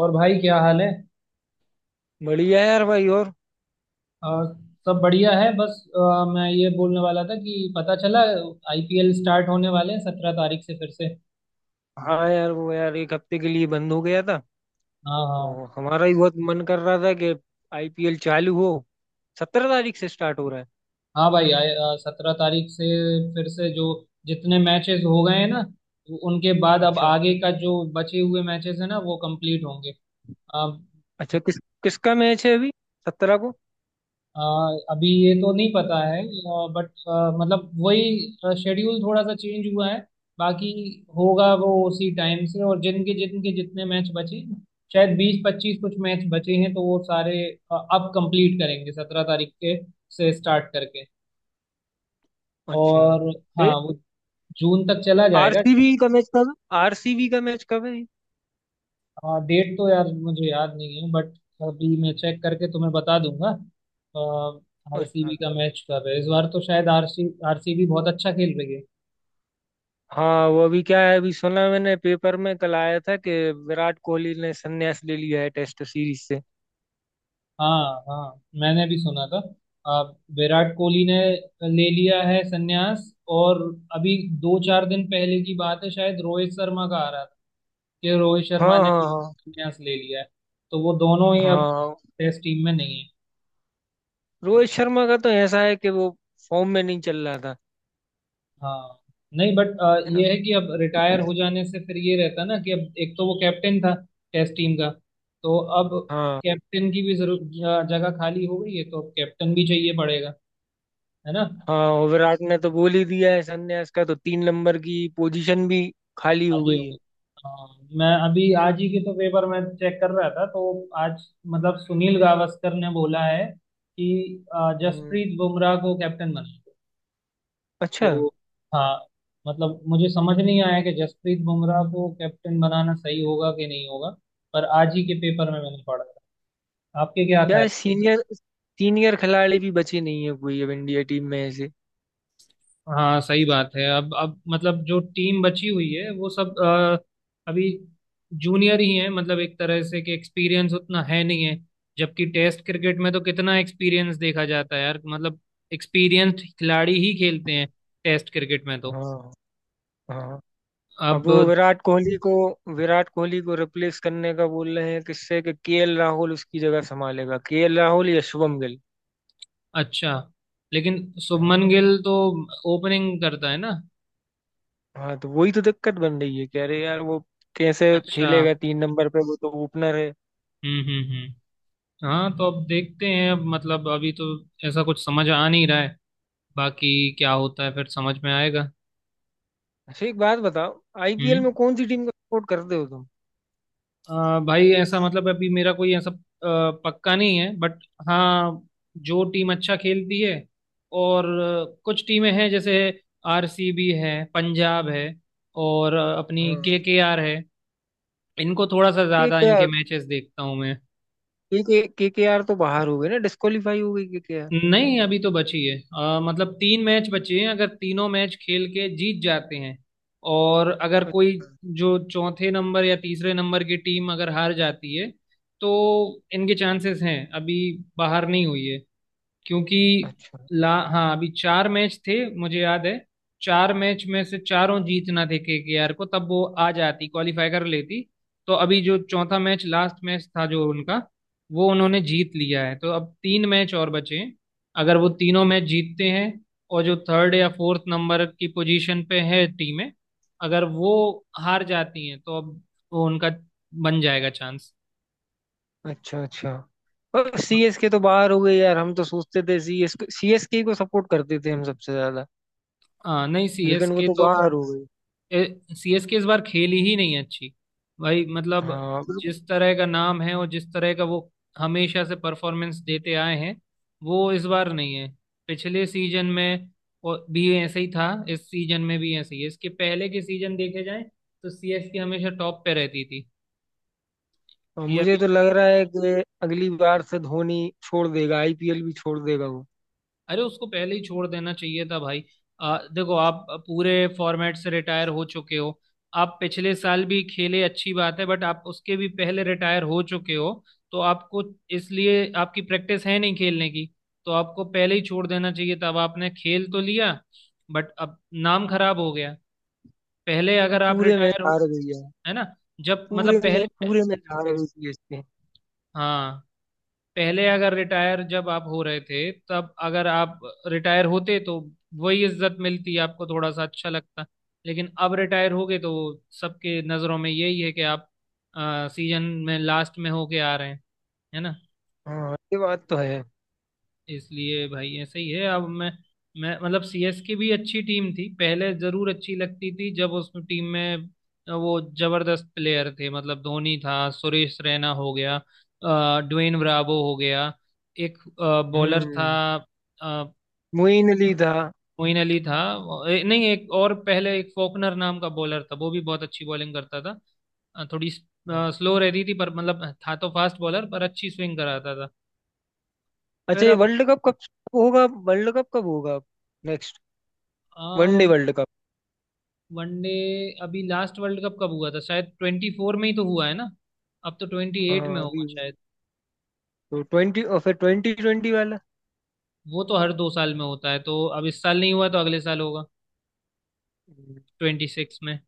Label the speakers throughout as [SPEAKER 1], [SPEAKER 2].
[SPEAKER 1] और भाई क्या हाल है।
[SPEAKER 2] बढ़िया यार, भाई। और
[SPEAKER 1] और सब बढ़िया है बस मैं ये बोलने वाला था कि पता चला आईपीएल स्टार्ट होने वाले हैं 17 तारीख से फिर से।
[SPEAKER 2] हाँ यार, वो यार एक हफ्ते के लिए बंद हो गया था।
[SPEAKER 1] हाँ हाँ।
[SPEAKER 2] तो हमारा भी बहुत मन कर रहा था कि आईपीएल चालू हो। 17 तारीख से स्टार्ट हो रहा है।
[SPEAKER 1] हाँ भाई 17 तारीख से फिर से जो जितने मैचेस हो गए हैं ना, उनके बाद अब
[SPEAKER 2] अच्छा।
[SPEAKER 1] आगे का जो बचे हुए मैचेस है ना वो कंप्लीट होंगे।
[SPEAKER 2] अच्छा, किस किसका मैच है अभी 17 को?
[SPEAKER 1] अ, अभी ये तो नहीं पता है, बट मतलब वही शेड्यूल थोड़ा सा चेंज हुआ है। बाकी होगा वो उसी टाइम से, और जिनके जिनके जितने मैच बचे हैं, शायद 20-25 कुछ मैच बचे हैं, तो वो सारे अब कंप्लीट करेंगे 17 तारीख के से स्टार्ट करके।
[SPEAKER 2] अच्छा,
[SPEAKER 1] और
[SPEAKER 2] तो
[SPEAKER 1] हाँ
[SPEAKER 2] ये
[SPEAKER 1] वो जून तक चला जाएगा।
[SPEAKER 2] आरसीबी का मैच कब है? आरसीबी का मैच कब है ये?
[SPEAKER 1] डेट तो यार मुझे याद नहीं है, बट अभी मैं चेक करके तुम्हें बता दूंगा।
[SPEAKER 2] अच्छा।
[SPEAKER 1] आरसीबी का मैच कर रहे हैं इस बार, तो शायद आरसीबी बहुत अच्छा खेल रही है।
[SPEAKER 2] हाँ, वो अभी क्या है, अभी सुना मैंने पेपर में, कल आया था कि विराट कोहली ने संन्यास ले लिया है टेस्ट सीरीज से।
[SPEAKER 1] हाँ हाँ, मैंने भी सुना था। आ, विराट कोहली ने ले लिया है संन्यास। और अभी दो चार दिन पहले की बात है, शायद रोहित शर्मा का आ रहा था कि रोहित शर्मा
[SPEAKER 2] हाँ
[SPEAKER 1] ने
[SPEAKER 2] हाँ
[SPEAKER 1] भी
[SPEAKER 2] हाँ।
[SPEAKER 1] संन्यास ले लिया है। तो वो दोनों ही अब
[SPEAKER 2] हाँ,
[SPEAKER 1] टेस्ट टीम में नहीं है।
[SPEAKER 2] रोहित शर्मा का तो ऐसा है कि वो फॉर्म में नहीं चल रहा था,
[SPEAKER 1] हाँ, नहीं बट
[SPEAKER 2] है ना।
[SPEAKER 1] ये है कि अब रिटायर हो जाने से फिर ये रहता ना कि अब, एक तो वो कैप्टन था टेस्ट टीम का, तो अब
[SPEAKER 2] हाँ।
[SPEAKER 1] कैप्टन की भी जरूर जगह खाली हो गई है, तो अब कैप्टन भी चाहिए पड़ेगा, है ना।
[SPEAKER 2] हाँ, और विराट ने तो बोल ही दिया है संन्यास का, तो 3 नंबर की पोजीशन भी खाली हो
[SPEAKER 1] खाली हो
[SPEAKER 2] गई
[SPEAKER 1] गई।
[SPEAKER 2] है।
[SPEAKER 1] हाँ, मैं अभी आज ही के तो पेपर में चेक कर रहा था, तो आज मतलब सुनील गावस्कर ने बोला है कि
[SPEAKER 2] हम्म।
[SPEAKER 1] जसप्रीत बुमराह को कैप्टन बना दो।
[SPEAKER 2] अच्छा।
[SPEAKER 1] तो हाँ, मतलब मुझे समझ नहीं आया कि जसप्रीत बुमराह को कैप्टन बनाना सही होगा कि नहीं होगा। पर आज ही के पेपर में मैंने पढ़ा था। आपके क्या था।
[SPEAKER 2] यार सीनियर सीनियर खिलाड़ी भी बचे नहीं है कोई अब इंडिया टीम में ऐसे।
[SPEAKER 1] हाँ सही बात है, अब मतलब जो टीम बची हुई है वो सब अभी जूनियर ही है, मतलब एक तरह से कि एक्सपीरियंस उतना है नहीं है। जबकि टेस्ट क्रिकेट में तो कितना एक्सपीरियंस देखा जाता है यार, मतलब एक्सपीरियंस्ड खिलाड़ी ही खेलते हैं टेस्ट क्रिकेट में तो।
[SPEAKER 2] हाँ। हाँ, अब वो
[SPEAKER 1] अब
[SPEAKER 2] विराट कोहली को रिप्लेस करने का बोल रहे हैं किससे, कि केएल राहुल उसकी जगह संभालेगा, केएल राहुल या शुभम गिल।
[SPEAKER 1] अच्छा, लेकिन
[SPEAKER 2] हाँ।
[SPEAKER 1] शुभमन गिल तो ओपनिंग करता है ना।
[SPEAKER 2] हाँ, तो वही तो दिक्कत बन रही है, कह रहे यार वो कैसे
[SPEAKER 1] अच्छा।
[SPEAKER 2] खेलेगा 3 नंबर पे, वो तो ओपनर है।
[SPEAKER 1] हम्म। हाँ तो अब देखते हैं, अब मतलब अभी तो ऐसा कुछ समझ आ नहीं रहा है। बाकी क्या होता है फिर समझ में आएगा।
[SPEAKER 2] अच्छा, एक बात बताओ, आईपीएल
[SPEAKER 1] हम्म।
[SPEAKER 2] में कौन सी टीम का सपोर्ट करते हो तुम?
[SPEAKER 1] भाई ऐसा, मतलब अभी मेरा कोई ऐसा पक्का नहीं है, बट हाँ, जो टीम अच्छा खेलती है, और कुछ टीमें हैं जैसे आरसीबी है, पंजाब है, और अपनी
[SPEAKER 2] हाँ।
[SPEAKER 1] केकेआर है। इनको थोड़ा सा ज़्यादा, इनके
[SPEAKER 2] केकेआर।
[SPEAKER 1] मैचेस देखता हूँ मैं।
[SPEAKER 2] केकेआर तो बाहर हो गए ना, डिस्क्वालीफाई हो गई केकेआर।
[SPEAKER 1] नहीं, अभी तो बची है मतलब 3 मैच बचे हैं, अगर तीनों मैच खेल के जीत जाते हैं, और अगर कोई जो चौथे नंबर या तीसरे नंबर की टीम अगर हार जाती है, तो इनके चांसेस हैं अभी। बाहर नहीं हुई है। क्योंकि
[SPEAKER 2] अच्छा।
[SPEAKER 1] ला हाँ अभी 4 मैच थे मुझे याद है। 4 मैच में से चारों जीतना थे केकेआर को, तब वो आ जाती, क्वालिफाई कर लेती। तो अभी जो चौथा मैच, लास्ट मैच था जो उनका, वो उन्होंने जीत लिया है, तो अब 3 मैच और बचे हैं। अगर वो तीनों मैच जीतते हैं, और जो थर्ड या फोर्थ नंबर की पोजीशन पे है टीमें, अगर वो हार जाती हैं तो अब वो उनका बन जाएगा चांस।
[SPEAKER 2] अच्छा। अच्छा, और सीएसके तो बाहर हो गई यार। हम तो सोचते थे सीएसके सीएसके को सपोर्ट करते थे हम सबसे ज्यादा,
[SPEAKER 1] हाँ, नहीं
[SPEAKER 2] लेकिन वो
[SPEAKER 1] सीएसके
[SPEAKER 2] तो
[SPEAKER 1] तो,
[SPEAKER 2] बाहर हो गई।
[SPEAKER 1] सीएसके इस बार खेली ही नहीं अच्छी। भाई मतलब,
[SPEAKER 2] हाँ।
[SPEAKER 1] जिस तरह का नाम है और जिस तरह का वो हमेशा से परफॉर्मेंस देते आए हैं, वो इस बार नहीं है। पिछले सीजन में और भी ऐसे ही था, इस सीजन में भी ऐसे ही है, इसके पहले के सीजन देखे जाए तो सीएसके हमेशा टॉप पे रहती थी।
[SPEAKER 2] और
[SPEAKER 1] या
[SPEAKER 2] मुझे तो लग रहा है कि अगली बार से धोनी छोड़ देगा, आईपीएल भी छोड़ देगा वो।
[SPEAKER 1] अरे, उसको पहले ही छोड़ देना चाहिए था भाई। देखो, आप पूरे फॉर्मेट से रिटायर हो चुके हो। आप पिछले साल भी खेले, अच्छी बात है, बट आप उसके भी पहले रिटायर हो चुके हो, तो आपको, इसलिए आपकी प्रैक्टिस है नहीं खेलने की, तो आपको पहले ही छोड़ देना चाहिए था। अब आपने खेल तो लिया बट अब नाम खराब हो गया। पहले
[SPEAKER 2] और
[SPEAKER 1] अगर आप
[SPEAKER 2] पूरे मैच
[SPEAKER 1] रिटायर हो,
[SPEAKER 2] हार गई है।
[SPEAKER 1] है ना, जब
[SPEAKER 2] पूरे
[SPEAKER 1] मतलब
[SPEAKER 2] में
[SPEAKER 1] पहले,
[SPEAKER 2] पूरे मैच हार गई सीएसके।
[SPEAKER 1] हाँ, पहले अगर रिटायर जब आप हो रहे थे, तब अगर आप रिटायर होते तो वही इज्जत मिलती आपको, थोड़ा सा अच्छा लगता। लेकिन अब रिटायर हो गए तो सबके नजरों में यही है कि आप सीजन में लास्ट में होके आ रहे हैं, है ना।
[SPEAKER 2] हाँ, ये बात तो है।
[SPEAKER 1] इसलिए भाई ऐसा ही है। अब मैं मतलब सीएसके भी अच्छी टीम थी पहले, जरूर अच्छी लगती थी जब उस टीम में वो जबरदस्त प्लेयर थे। मतलब धोनी था, सुरेश रैना हो गया, ड्वेन ब्रावो हो गया, एक बॉलर था,
[SPEAKER 2] हम्म।
[SPEAKER 1] अ,
[SPEAKER 2] मोइन अली था।
[SPEAKER 1] मोइन अली था। नहीं, एक और पहले एक फोकनर नाम का बॉलर था, वो भी बहुत अच्छी बॉलिंग करता था। थोड़ी
[SPEAKER 2] हाँ।
[SPEAKER 1] स्लो रहती थी, पर मतलब था तो फास्ट बॉलर, पर अच्छी स्विंग कराता था। फिर
[SPEAKER 2] अच्छा, ये वर्ल्ड कप कब होगा? वर्ल्ड कप कब होगा नेक्स्ट? वनडे
[SPEAKER 1] अब
[SPEAKER 2] वर्ल्ड कप?
[SPEAKER 1] वनडे, अभी लास्ट वर्ल्ड कप कब हुआ था, शायद 2024 में ही तो हुआ है ना। अब तो 2028 में
[SPEAKER 2] हाँ,
[SPEAKER 1] होगा शायद।
[SPEAKER 2] तो ट्वेंटी, और फिर ट्वेंटी ट्वेंटी वाला।
[SPEAKER 1] वो तो हर 2 साल में होता है, तो अब इस साल नहीं हुआ तो अगले साल होगा,
[SPEAKER 2] हम्म।
[SPEAKER 1] 2026 में।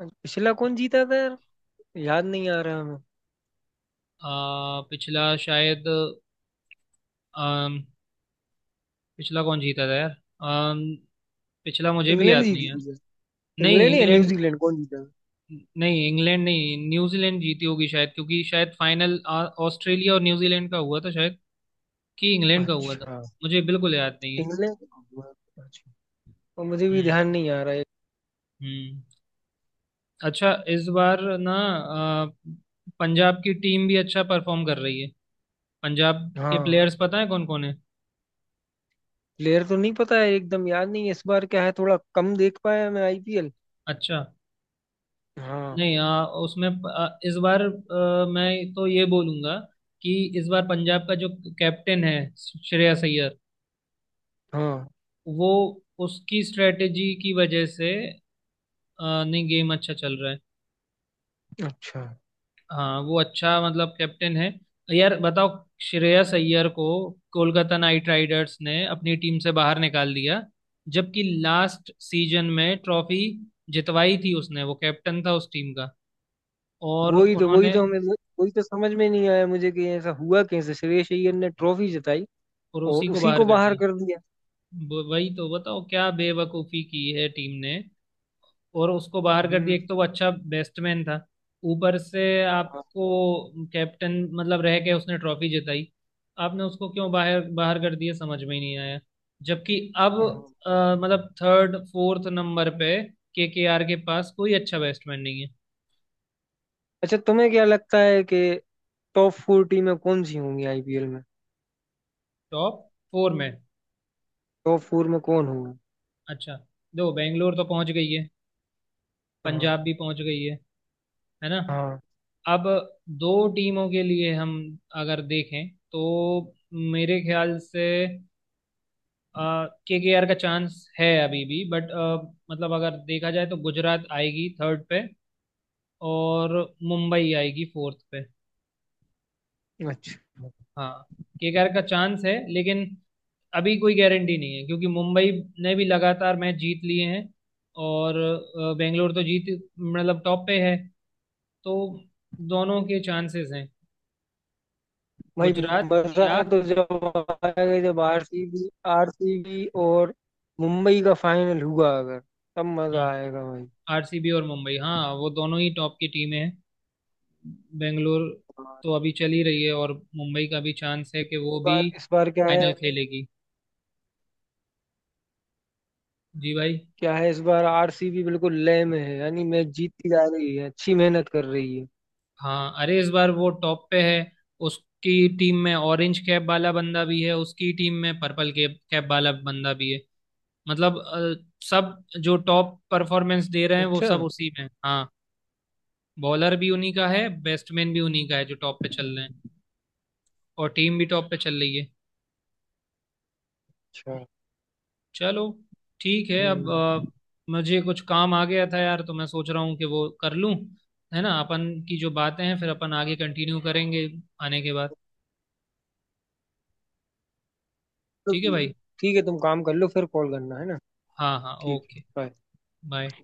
[SPEAKER 2] पिछला कौन जीता था यार? याद नहीं आ रहा हमें।
[SPEAKER 1] पिछला शायद, अम, पिछला कौन जीता था यार, अम, पिछला मुझे भी
[SPEAKER 2] इंग्लैंड
[SPEAKER 1] याद नहीं
[SPEAKER 2] जीती
[SPEAKER 1] है।
[SPEAKER 2] थी क्या?
[SPEAKER 1] नहीं
[SPEAKER 2] इंग्लैंड या
[SPEAKER 1] इंग्लैंड,
[SPEAKER 2] न्यूजीलैंड कौन जीता
[SPEAKER 1] नहीं इंग्लैंड नहीं, न्यूजीलैंड जीती होगी शायद, क्योंकि शायद फाइनल ऑस्ट्रेलिया और न्यूजीलैंड का हुआ था शायद, कि
[SPEAKER 2] था?
[SPEAKER 1] इंग्लैंड का हुआ था।
[SPEAKER 2] अच्छा।
[SPEAKER 1] मुझे बिल्कुल याद नहीं है।
[SPEAKER 2] इंग्लैंड। अच्छा, और मुझे भी
[SPEAKER 1] हम्म
[SPEAKER 2] ध्यान नहीं आ रहा है।
[SPEAKER 1] हम्म। अच्छा, इस बार ना अ, पंजाब की टीम भी अच्छा परफॉर्म कर रही है। पंजाब के
[SPEAKER 2] हाँ।
[SPEAKER 1] प्लेयर्स पता है कौन कौन है।
[SPEAKER 2] प्लेयर तो नहीं पता है, एकदम याद नहीं है। इस बार क्या है, थोड़ा कम देख पाया मैं आईपीएल।
[SPEAKER 1] अच्छा,
[SPEAKER 2] हाँ।
[SPEAKER 1] नहीं उसमें इस बार मैं तो ये बोलूंगा कि इस बार पंजाब का जो कैप्टन है, श्रेयस अय्यर,
[SPEAKER 2] हाँ।
[SPEAKER 1] वो, उसकी स्ट्रेटेजी की वजह से नहीं, गेम अच्छा चल रहा है।
[SPEAKER 2] अच्छा।
[SPEAKER 1] हाँ वो अच्छा, मतलब कैप्टन है। यार बताओ, श्रेयस अय्यर को कोलकाता नाइट राइडर्स ने अपनी टीम से बाहर निकाल दिया, जबकि लास्ट सीजन में ट्रॉफी जितवाई थी उसने, वो कैप्टन था उस टीम का, और
[SPEAKER 2] वही तो वही
[SPEAKER 1] उन्होंने,
[SPEAKER 2] तो हमें वही तो समझ में नहीं आया मुझे कि ऐसा हुआ कैसे, श्रेयस अय्यर ने ट्रॉफी जिताई
[SPEAKER 1] और उसी
[SPEAKER 2] और
[SPEAKER 1] को
[SPEAKER 2] उसी
[SPEAKER 1] बाहर
[SPEAKER 2] को
[SPEAKER 1] कर
[SPEAKER 2] बाहर
[SPEAKER 1] दिया।
[SPEAKER 2] कर दिया।
[SPEAKER 1] वही तो बताओ, क्या बेवकूफी की है टीम ने, और उसको बाहर कर दिया।
[SPEAKER 2] हम्म।
[SPEAKER 1] एक तो वो अच्छा बैट्समैन था, ऊपर से,
[SPEAKER 2] हाँ।
[SPEAKER 1] आपको कैप्टन मतलब रह के उसने ट्रॉफी जिताई, आपने उसको क्यों बाहर बाहर कर दिया, समझ में ही नहीं आया। जबकि अब
[SPEAKER 2] हाँ।
[SPEAKER 1] मतलब थर्ड फोर्थ नंबर पे केकेआर के पास कोई अच्छा बैट्समैन नहीं है।
[SPEAKER 2] अच्छा, तुम्हें क्या लगता है कि टॉप फोर टीमें कौन सी होंगी आईपीएल में?
[SPEAKER 1] टॉप फोर में,
[SPEAKER 2] टॉप फोर में कौन होगा?
[SPEAKER 1] अच्छा, दो, बेंगलोर तो पहुंच गई है,
[SPEAKER 2] हाँ।
[SPEAKER 1] पंजाब भी पहुंच गई है ना।
[SPEAKER 2] हाँ।
[SPEAKER 1] अब दो टीमों के लिए, हम अगर देखें तो, मेरे ख्याल से के आर का चांस है अभी भी, बट मतलब अगर देखा जाए तो गुजरात आएगी थर्ड पे और मुंबई आएगी फोर्थ पे।
[SPEAKER 2] अच्छा।
[SPEAKER 1] हाँ के आर का चांस है लेकिन, अभी कोई गारंटी नहीं है क्योंकि मुंबई ने भी लगातार मैच जीत लिए हैं, और बेंगलोर तो जीत मतलब टॉप पे है, तो दोनों के चांसेस हैं,
[SPEAKER 2] भाई
[SPEAKER 1] गुजरात या,
[SPEAKER 2] मजा तो जब आएगा जब आरसीबी आरसीबी और मुंबई का फाइनल हुआ अगर, तब मजा आएगा भाई।
[SPEAKER 1] आरसीबी और मुंबई, हाँ वो दोनों ही टॉप की टीमें हैं। बेंगलोर
[SPEAKER 2] हाँ,
[SPEAKER 1] तो
[SPEAKER 2] इस
[SPEAKER 1] अभी चल ही रही है, और मुंबई का भी चांस है कि वो भी
[SPEAKER 2] बार इस बार क्या है?
[SPEAKER 1] फाइनल खेलेगी। जी भाई।
[SPEAKER 2] क्या है इस बार, आरसीबी बिल्कुल लय में है, यानी मैच जीतती जा रही है, अच्छी मेहनत कर रही है।
[SPEAKER 1] हाँ अरे इस बार वो टॉप पे है, उसकी टीम में ऑरेंज कैप वाला बंदा भी है, उसकी टीम में पर्पल कैप कैप वाला बंदा भी है। मतलब सब जो टॉप परफॉर्मेंस दे रहे हैं वो
[SPEAKER 2] अच्छा।
[SPEAKER 1] सब उसी में हैं। हाँ, बॉलर भी उन्हीं का है, बैट्समैन भी उन्हीं का है जो टॉप पे चल
[SPEAKER 2] हम्म।
[SPEAKER 1] रहे हैं, और टीम भी टॉप पे चल रही है।
[SPEAKER 2] अच्छा।
[SPEAKER 1] चलो ठीक है। अब
[SPEAKER 2] हम्म।
[SPEAKER 1] मुझे कुछ काम आ गया था यार, तो मैं सोच रहा हूँ कि वो कर लूँ, है ना। अपन की जो बातें हैं, फिर अपन आगे कंटिन्यू करेंगे आने के बाद।
[SPEAKER 2] तो
[SPEAKER 1] ठीक है
[SPEAKER 2] ठीक है।
[SPEAKER 1] भाई।
[SPEAKER 2] ठीक है, तुम काम कर लो, फिर कॉल करना है ना।
[SPEAKER 1] हाँ हाँ
[SPEAKER 2] ठीक है,
[SPEAKER 1] ओके।
[SPEAKER 2] bye.
[SPEAKER 1] बाय।